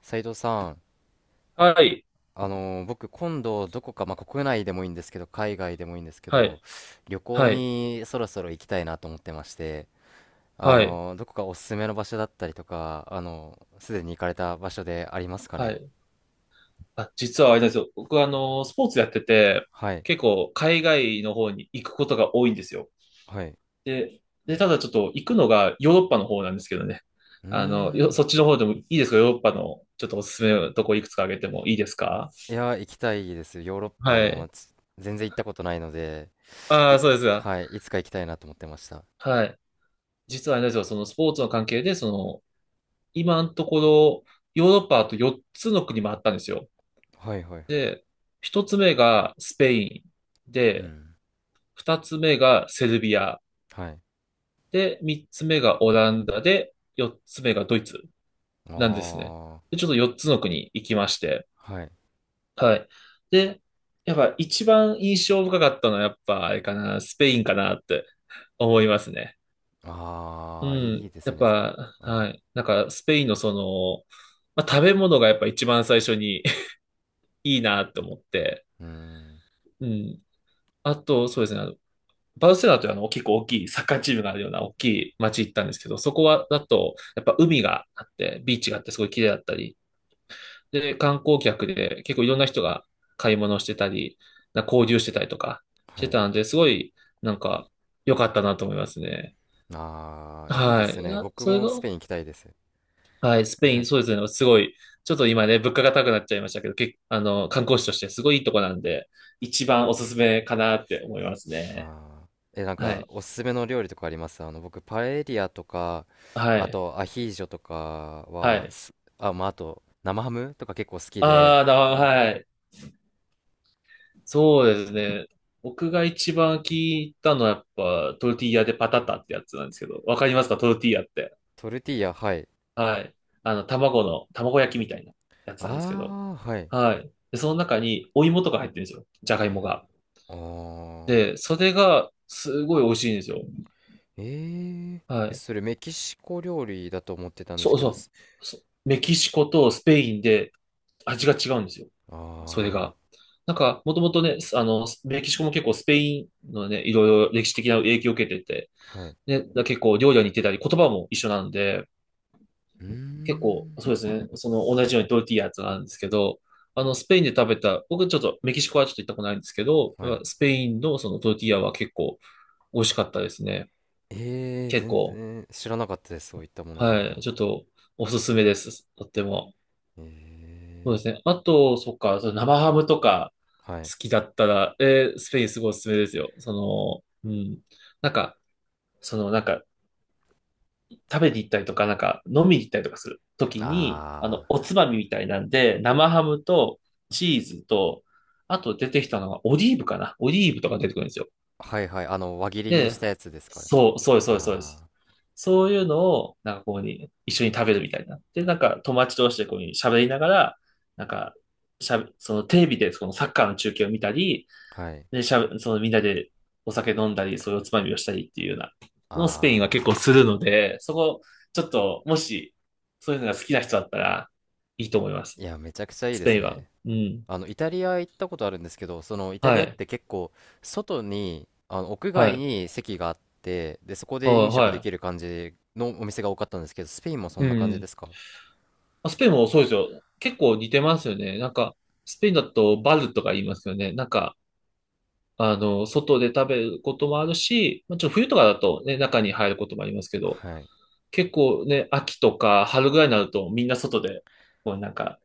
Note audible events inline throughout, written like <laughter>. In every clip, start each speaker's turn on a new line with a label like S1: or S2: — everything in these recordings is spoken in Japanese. S1: 斉藤さん、
S2: はい。
S1: 僕今度どこか、まあ、国内でもいいんですけど海外でもいいんですけ
S2: は
S1: ど
S2: い。
S1: 旅行
S2: はい。
S1: にそろそろ行きたいなと思ってまして、
S2: はい。
S1: どこかおすすめの場所だったりとか、すでに行かれた場所でありますか
S2: は
S1: ね？
S2: い。あ、実はあれなんですよ。僕はスポーツやってて、
S1: はい
S2: 結構海外の方に行くことが多いんですよ。
S1: はい。
S2: で、で、ただちょっと行くのがヨーロッパの方なんですけどね。
S1: うー
S2: あの、
S1: ん。
S2: そっちの方でもいいですか？ヨーロッパのちょっとおすすめのとこいくつか挙げてもいいですか？
S1: いや、行きたいです。ヨーロッパ、あ
S2: は
S1: の
S2: い。
S1: ーつ全然行ったことないので、
S2: あ
S1: い、
S2: あ、そうですが。
S1: はい、いつか行きたいなと思ってました。
S2: はい。実はあれなんですよ。そのスポーツの関係で、その、今のところ、ヨーロッパあと4つの国もあったんですよ。
S1: はいはい。
S2: で、1つ目がスペイン。
S1: う
S2: で、
S1: ん。
S2: 二つ目がセルビア。
S1: はい。
S2: で、三つ目がオランダで、四つ目がドイツなんですね。
S1: ああ、
S2: で、ちょっと四つの国行きまして。
S1: はい。
S2: はい。で、やっぱ一番印象深かったのはやっぱあれかな、スペインかなって思いますね。う
S1: ああ、いいいい
S2: ん。
S1: で
S2: や
S1: す
S2: っ
S1: ね。
S2: ぱ、
S1: はい。
S2: はい。なんかスペインのその、まあ、食べ物がやっぱ一番最初に <laughs> いいなって思って。
S1: うーん。
S2: うん。あと、そうですね。バルセロナというあの結構大きいサッカーチームがあるような大きい街行ったんですけど、そこはだとやっぱ海があって、ビーチがあってすごい綺麗だったり、で、観光客で結構いろんな人が買い物してたり、な交流してたりとかし
S1: は
S2: て
S1: い。
S2: たんで、すごいなんか良かったなと思いますね。
S1: ああ、いいで
S2: は
S1: す
S2: い。
S1: ね。
S2: あ
S1: 僕
S2: それ
S1: も
S2: が、
S1: スペイン行きたいです。
S2: はい、スペイン、そうですね、すごい、ちょっと今ね、物価が高くなっちゃいましたけど、あの、観光地としてすごいいいとこなんで、一番おすすめかなって思いますね。
S1: ああ。え、なん
S2: は
S1: か、
S2: い。
S1: おすすめの料理とかあります？僕、パエリアとか、
S2: は
S1: あ
S2: い。
S1: と、アヒージョとか
S2: は
S1: は、
S2: い。
S1: あ、まあ、あと、生ハムとか結構好きで、
S2: ああ、はい。そうですね。僕が一番聞いたのはやっぱトルティーヤでパタタってやつなんですけど、わかりますかトルティーヤって？
S1: トルティーヤ、はい。
S2: はい。あの、卵焼きみたいなやつなんですけど。
S1: ああ、はい。
S2: はい。で、その中にお芋とか入ってるんですよ。じゃがいもが。
S1: あ
S2: で、
S1: あ。
S2: それがすごい美味しいんですよ。
S1: えー、
S2: は
S1: え、
S2: い。
S1: それメキシコ料理だと思ってたんで
S2: そ
S1: す
S2: う
S1: けど、
S2: そう。そメキシコとスペインで味が違うんですよ。
S1: あ
S2: それ
S1: あ、
S2: が。なんか、もともとね、あの、メキシコも結構スペインのね、いろいろ歴史的な影響を受けてて、
S1: はい。
S2: ね、だ結構料理に似てたり、言葉も一緒なんで、
S1: うー
S2: 結構、
S1: ん。
S2: そうですね、その同じようにトルティーヤとかなんですけど、あの、スペインで食べた、僕ちょっとメキシコはちょっと行ったことないんですけど、
S1: はい。
S2: スペインのそのトルティーヤは結構美味しかったですね。
S1: えー、
S2: 結
S1: 全
S2: 構、
S1: 然知らなかったです。そういったものがある
S2: は
S1: の。
S2: い、ちょっとおすすめです。とっても。そう
S1: え
S2: で
S1: え。
S2: すね。あと、そっか、その生ハムとか
S1: はい。
S2: 好きだったら、スペインすごいおすすめですよ。その、うん。なんか、なんか、食べに行ったりとか、なんか飲みに行ったりとかするときに、あ
S1: あ
S2: の、おつまみみたいなんで、生ハムとチーズと、あと出てきたのがオリーブかな。オリーブとか出てくるんですよ。
S1: あ、はいはい。あの、輪切りにし
S2: で、
S1: たやつですか？
S2: そう、そうです、そうです、そうです。
S1: あ
S2: そういうのを、なんかこうに、一緒に食べるみたいな。で、なんか友達同士でこうに喋りながら、なんか、しゃべ、そのテレビでそのサッカーの中継を見たり、
S1: あ、はい。
S2: で、しゃぶ、そのみんなでお酒飲んだり、そういうおつまみをしたりっていうような、のをスペインは結構
S1: あ
S2: す
S1: あ、
S2: るので、そこ、ちょっと、もし、そういうのが好きな人だったら、いいと思います。
S1: いや、めちゃくちゃいい
S2: ス
S1: で
S2: ペ
S1: す
S2: インは。
S1: ね。
S2: うん。
S1: イタリア行ったことあるんですけど、イタ
S2: は
S1: リアっ
S2: い。
S1: て結構、外に、屋
S2: は
S1: 外
S2: い。
S1: に席があって、で、そこ
S2: あ
S1: で飲食でき
S2: は
S1: る感じのお店が多かったんですけど、スペインもそ
S2: い。う
S1: んな感じで
S2: ん。
S1: すか？
S2: まあスペインもそうですよ。結構似てますよね。なんか、スペインだとバルとか言いますよね。なんか、あの、外で食べることもあるし、まあ、ちょっと冬とかだとね、中に入ることもありますけど、
S1: はい。
S2: 結構ね、秋とか春ぐらいになるとみんな外で、こうなんか、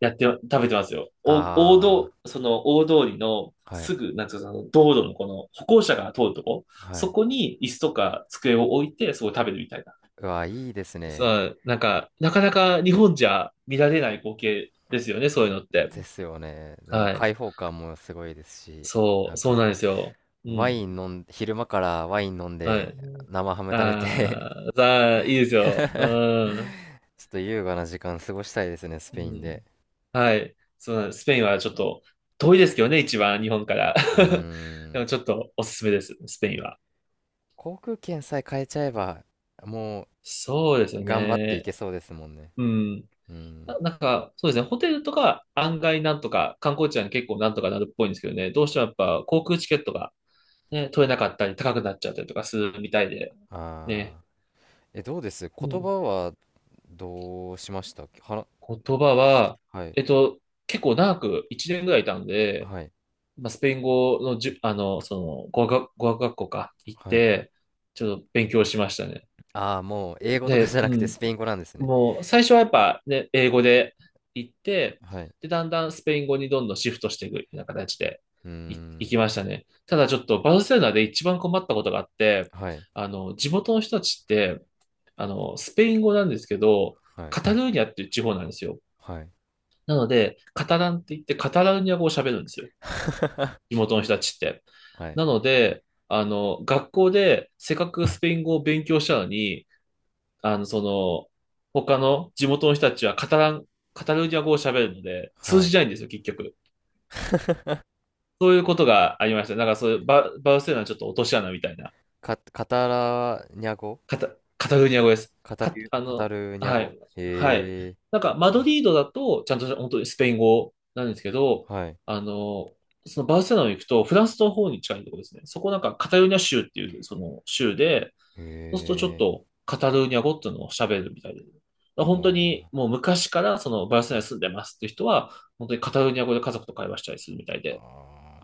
S2: やって、食べてますよ。お、大
S1: あ
S2: 道、その大通りの
S1: あ、は
S2: す
S1: い。
S2: ぐ、なんていうか、その道路のこの歩行者が通るとこ、
S1: は
S2: そ
S1: い。
S2: こに椅子とか机を置いて、そこで食べるみたいな。
S1: うわ、いいですね。
S2: さあ、なんか、なかなか日本じゃ見られない光景ですよね、そういうのって。
S1: ですよね。でも、
S2: はい。
S1: 開放感もすごいですし、
S2: そ
S1: な
S2: う、
S1: ん
S2: そう
S1: か、
S2: なんですよ。う
S1: ワ
S2: ん。
S1: イン飲ん、昼間からワイン飲ん
S2: は
S1: で、
S2: い。
S1: 生ハム食べて
S2: ああ、さあ、いいです
S1: <laughs>
S2: よ。うん。
S1: ちょっと優雅な時間過ごしたいですね、ス
S2: う
S1: ペインで。
S2: ん。はい。そうなんです。スペインはちょっと遠いですけどね、一番日本から。
S1: うー
S2: <laughs> で
S1: ん。
S2: もちょっとおすすめです、スペインは。
S1: 航空券さえ変えちゃえば、も
S2: そうですよ
S1: う頑張っていけ
S2: ね。
S1: そうですもんね。
S2: うん。
S1: うん。
S2: なんか、そうですね。ホテルとか案外なんとか、観光地は結構なんとかなるっぽいんですけどね。どうしてもやっぱ航空チケットがね、取れなかったり高くなっちゃったりとかするみたいで。ね。
S1: ああ。え、どうです、
S2: う
S1: 言
S2: ん。
S1: 葉は？どうしましたはな、
S2: 言葉は、
S1: はい。
S2: えっと、結構長く1年ぐらいいたんで、
S1: はい。
S2: まあ、スペイン語のじゅ、あの、その、語学学校か、行っ
S1: はい。
S2: て、ちょっと勉強しましたね。
S1: ああ、もう英語とかじ
S2: で、
S1: ゃな
S2: う
S1: くて
S2: ん、
S1: スペイン語なんですね。
S2: もう、最初はやっぱね、英語で行って、
S1: はい。
S2: で、だんだんスペイン語にどんどんシフトしていくような形で
S1: うー
S2: 行
S1: ん。
S2: きましたね。ただちょっと、バルセロナで一番困ったことがあって、
S1: はい。
S2: あの、地元の人たちって、あの、スペイン語なんですけど、
S1: はい。
S2: カタルーニャっていう地方なんですよ。
S1: はい。
S2: なので、カタランって言って、カタルーニャ語を喋るんですよ。地元の人たちって。
S1: はい。
S2: なので、あの、学校でせっかくスペイン語を勉強したのに、あの、その、他の地元の人たちはカタラン、カタルーニャ語を喋るので、通
S1: はい。
S2: じないんですよ、結局。そういうことがありました。なんかそういうバ、バルセロナちょっと落とし穴みたいな。
S1: カタラニャ語、
S2: カタ、カタルーニャ語です。か、あ
S1: カタ
S2: の、
S1: ルニャ
S2: は
S1: 語。
S2: い。はい。
S1: へえ、
S2: なんか、マドリードだと、ちゃんと本当にスペイン語なんですけど、
S1: はい。
S2: あの、そのバルセロナに行くと、フランスの方に近いところですね。そこなんか、カタルーニャ州っていう、その州で、そうするとちょっ
S1: へえ、
S2: と、カタルーニャ語っていうのを喋るみたいで
S1: は
S2: 本当に、もう昔から、その、バルセロナに住んでますっていう人は、本当にカタルーニャ語で家族と会話したりするみたいで、や
S1: あ。
S2: っ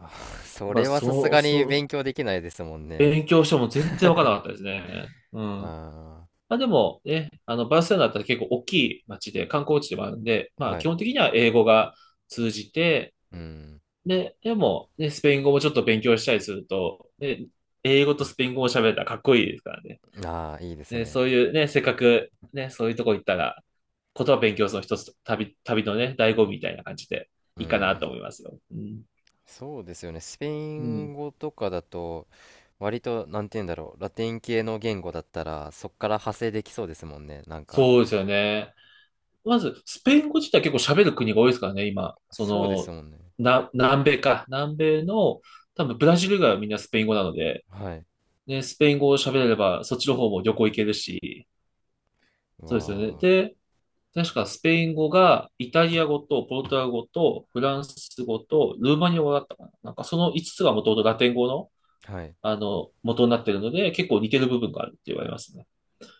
S1: あー <laughs> そ
S2: ぱ、
S1: れはさす
S2: そう、
S1: がに
S2: そう、
S1: 勉強できないですもんね。
S2: 勉強しても全然わからなかったですね。うん。
S1: あ
S2: まあでもね、あの、バルセロナだったら結構大きい街で、観光地でもあるんで、ま
S1: あ、
S2: あ
S1: は
S2: 基
S1: い。
S2: 本的には英語が通じて、
S1: うん。
S2: で、でも、ね、スペイン語もちょっと勉強したりすると、で、英語とスペイン語を喋れたらかっこいいですからね。
S1: ああ、いいです
S2: ね
S1: ね。
S2: そういうね、せっかくね、そういうとこ行ったら、言葉勉強するの一つ、旅のね、醍醐味みたいな感じで
S1: う
S2: いいかなと
S1: ん。
S2: 思いますよ。うん。
S1: そうですよね。スペイ
S2: う
S1: ン
S2: ん。
S1: 語とかだと、割と、なんて言うんだろう。ラテン系の言語だったら、そっから派生できそうですもんね。なんか、
S2: そうですよね。まず、スペイン語自体結構喋る国が多いですからね、今。
S1: そうですもんね。
S2: 南米か。南米の、多分ブラジル以外はみんなスペイン語なので、
S1: はい。
S2: ね、スペイン語を喋れれば、そっちの方も旅行行けるし、そうですよね。
S1: わ
S2: で、確かスペイン語が、イタリア語と、ポルトガル語と、フランス語と、ルーマニア語だったかな。なんかその5つがもともとラテン語の、
S1: あ、はい。
S2: 元になってるので、結構似てる部分があるって言われますね。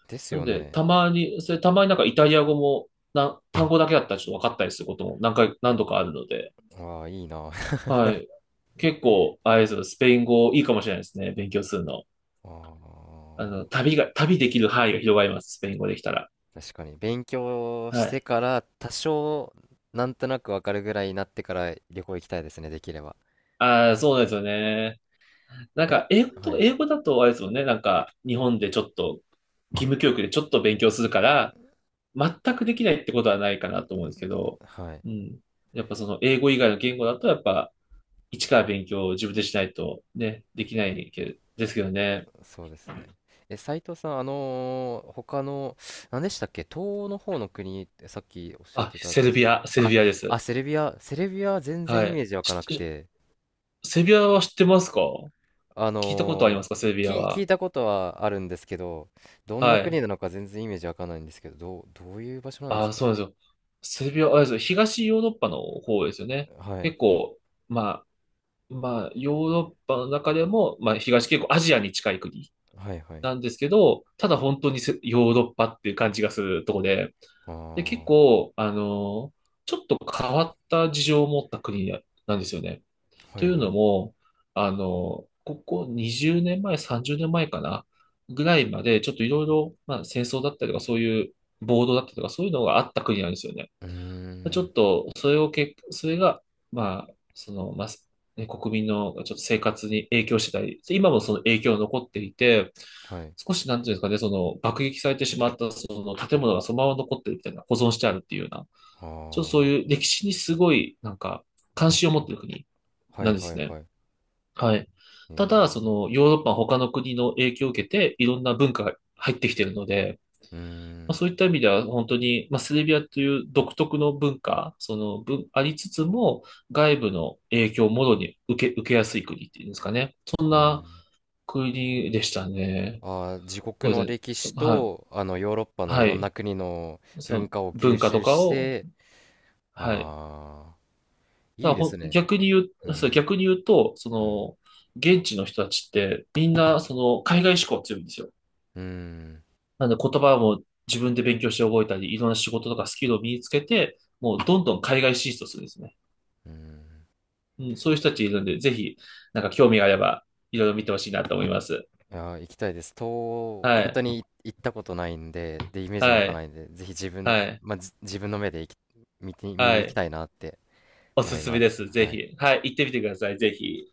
S1: です
S2: なの
S1: よ
S2: で、
S1: ね。
S2: たまに、なんかイタリア語も、単語だけだったらちょっと分かったりすることも何度かあるので、
S1: わあ、いいな。
S2: はい。結構、あれですよ、スペイン語いいかもしれないですね。勉強するの。
S1: あー、
S2: 旅できる範囲が広がります。スペイン語できたら。
S1: 確かに勉強し
S2: は
S1: て
S2: い。
S1: から多少なんとなくわかるぐらいになってから旅行行きたいですね、できれば。
S2: ああ、そうなんですよね。なん
S1: や
S2: か、
S1: はい
S2: 英語だとあれですもんね。なんか、日本でちょっと、義務教育でちょっと勉強するから、全くできないってことはないかなと思うんですけど、
S1: はい。
S2: うん。やっぱその英語以外の言語だと、やっぱ、一から勉強を自分でしないとね、できないけどですけどね。
S1: そうですね。え、斉藤さん、他の何でしたっけ、東欧の方の国ってさっきおっしゃっ
S2: あ、
S1: てたんですけど。
S2: セル
S1: あ
S2: ビアです。
S1: あ、セルビア、セルビアは全然
S2: は
S1: イメ
S2: い。
S1: ージ湧かなくて、
S2: セルビアは知ってますか？
S1: あ
S2: 聞いたことありま
S1: の
S2: すかセルビア
S1: 聞
S2: は？
S1: いたことはあるんですけど、どんな
S2: はい。
S1: 国なのか全然イメージ湧かないんですけど、どういう場所なんです
S2: あ、
S1: か？
S2: そうなんですよ。セルビア、あれですよ。東ヨーロッパの方ですよね。
S1: はい。
S2: 結構、ままあ、ヨーロッパの中でも、まあ、東結構アジアに近い国
S1: はい。はい。
S2: なんですけど、ただ本当にヨーロッパっていう感じがするとこで、
S1: あ
S2: で、結
S1: あ、
S2: 構、ちょっと変わった事情を持った国なんですよね。
S1: は
S2: とい
S1: い
S2: う
S1: は
S2: の
S1: い。
S2: も、あの、ここ20年前、30年前かな、ぐらいまで、ちょっといろいろ、まあ、戦争だったりとか、そういう暴動だったりとか、そういうのがあった国なんですよね。
S1: うー
S2: ちょ
S1: ん、
S2: っと、それが、まあ、その、まあ、ね、国民のちょっと生活に影響してたり、今もその影響が残っていて、
S1: はい。
S2: 少しなんていうんですかね、その爆撃されてしまったその建物がそのまま残ってるみたいな、保存してあるっていうような、
S1: あ
S2: ちょっとそう
S1: あ、
S2: いう歴史にすごい、なんか、関心を持ってる国
S1: は
S2: な
S1: い
S2: んで
S1: は
S2: す
S1: い
S2: ね。
S1: はい。
S2: はい。
S1: え
S2: ただ、そ
S1: え、
S2: の、ヨーロッパ他の国の影響を受けて、いろんな文化が入ってきてるので、
S1: うー
S2: まあ、
S1: ん、
S2: そういった意味では本当に、まあ、セルビアという独特の文化、その文、ありつつも外部の影響をもろに受けやすい国っていうんですかね。
S1: うー
S2: まあ、
S1: ん。
S2: 国でしたね。
S1: ああ、自国
S2: そう
S1: の
S2: で
S1: 歴
S2: すね。
S1: 史
S2: はい。
S1: と、ヨーロッパのい
S2: は
S1: ろんな
S2: い。
S1: 国の
S2: その
S1: 文化を吸
S2: 文化と
S1: 収
S2: か
S1: し
S2: を、
S1: て、
S2: はい。
S1: ああ、
S2: た
S1: いい
S2: だ
S1: で
S2: ほ
S1: す
S2: ん、
S1: ね。うん、
S2: 逆に言うと、そ
S1: うん、
S2: の、現地の人たちってみんなその海外志向強いんですよ。
S1: うん、
S2: なので言葉も自分で勉強して覚えたり、いろんな仕事とかスキルを身につけて、もうどんどん海外進出をするんですね。
S1: うん。
S2: うん、そういう人たちいるんで、ぜひ、なんか興味があれば、いろいろ見てほしいなと思います。
S1: いやー、行きたいです。東欧、
S2: は
S1: 本当
S2: い、
S1: に行ったことないんで、で、イメージも湧
S2: は
S1: か
S2: い、
S1: ないんで、ぜひ自分の、
S2: はい、
S1: まあ、自分の目で見て、見
S2: は
S1: に行き
S2: い。
S1: たいなって
S2: お
S1: 思
S2: す
S1: い
S2: すめ
S1: ま
S2: で
S1: す。
S2: す。ぜ
S1: はい。
S2: ひ。はい、行ってみてください。ぜひ。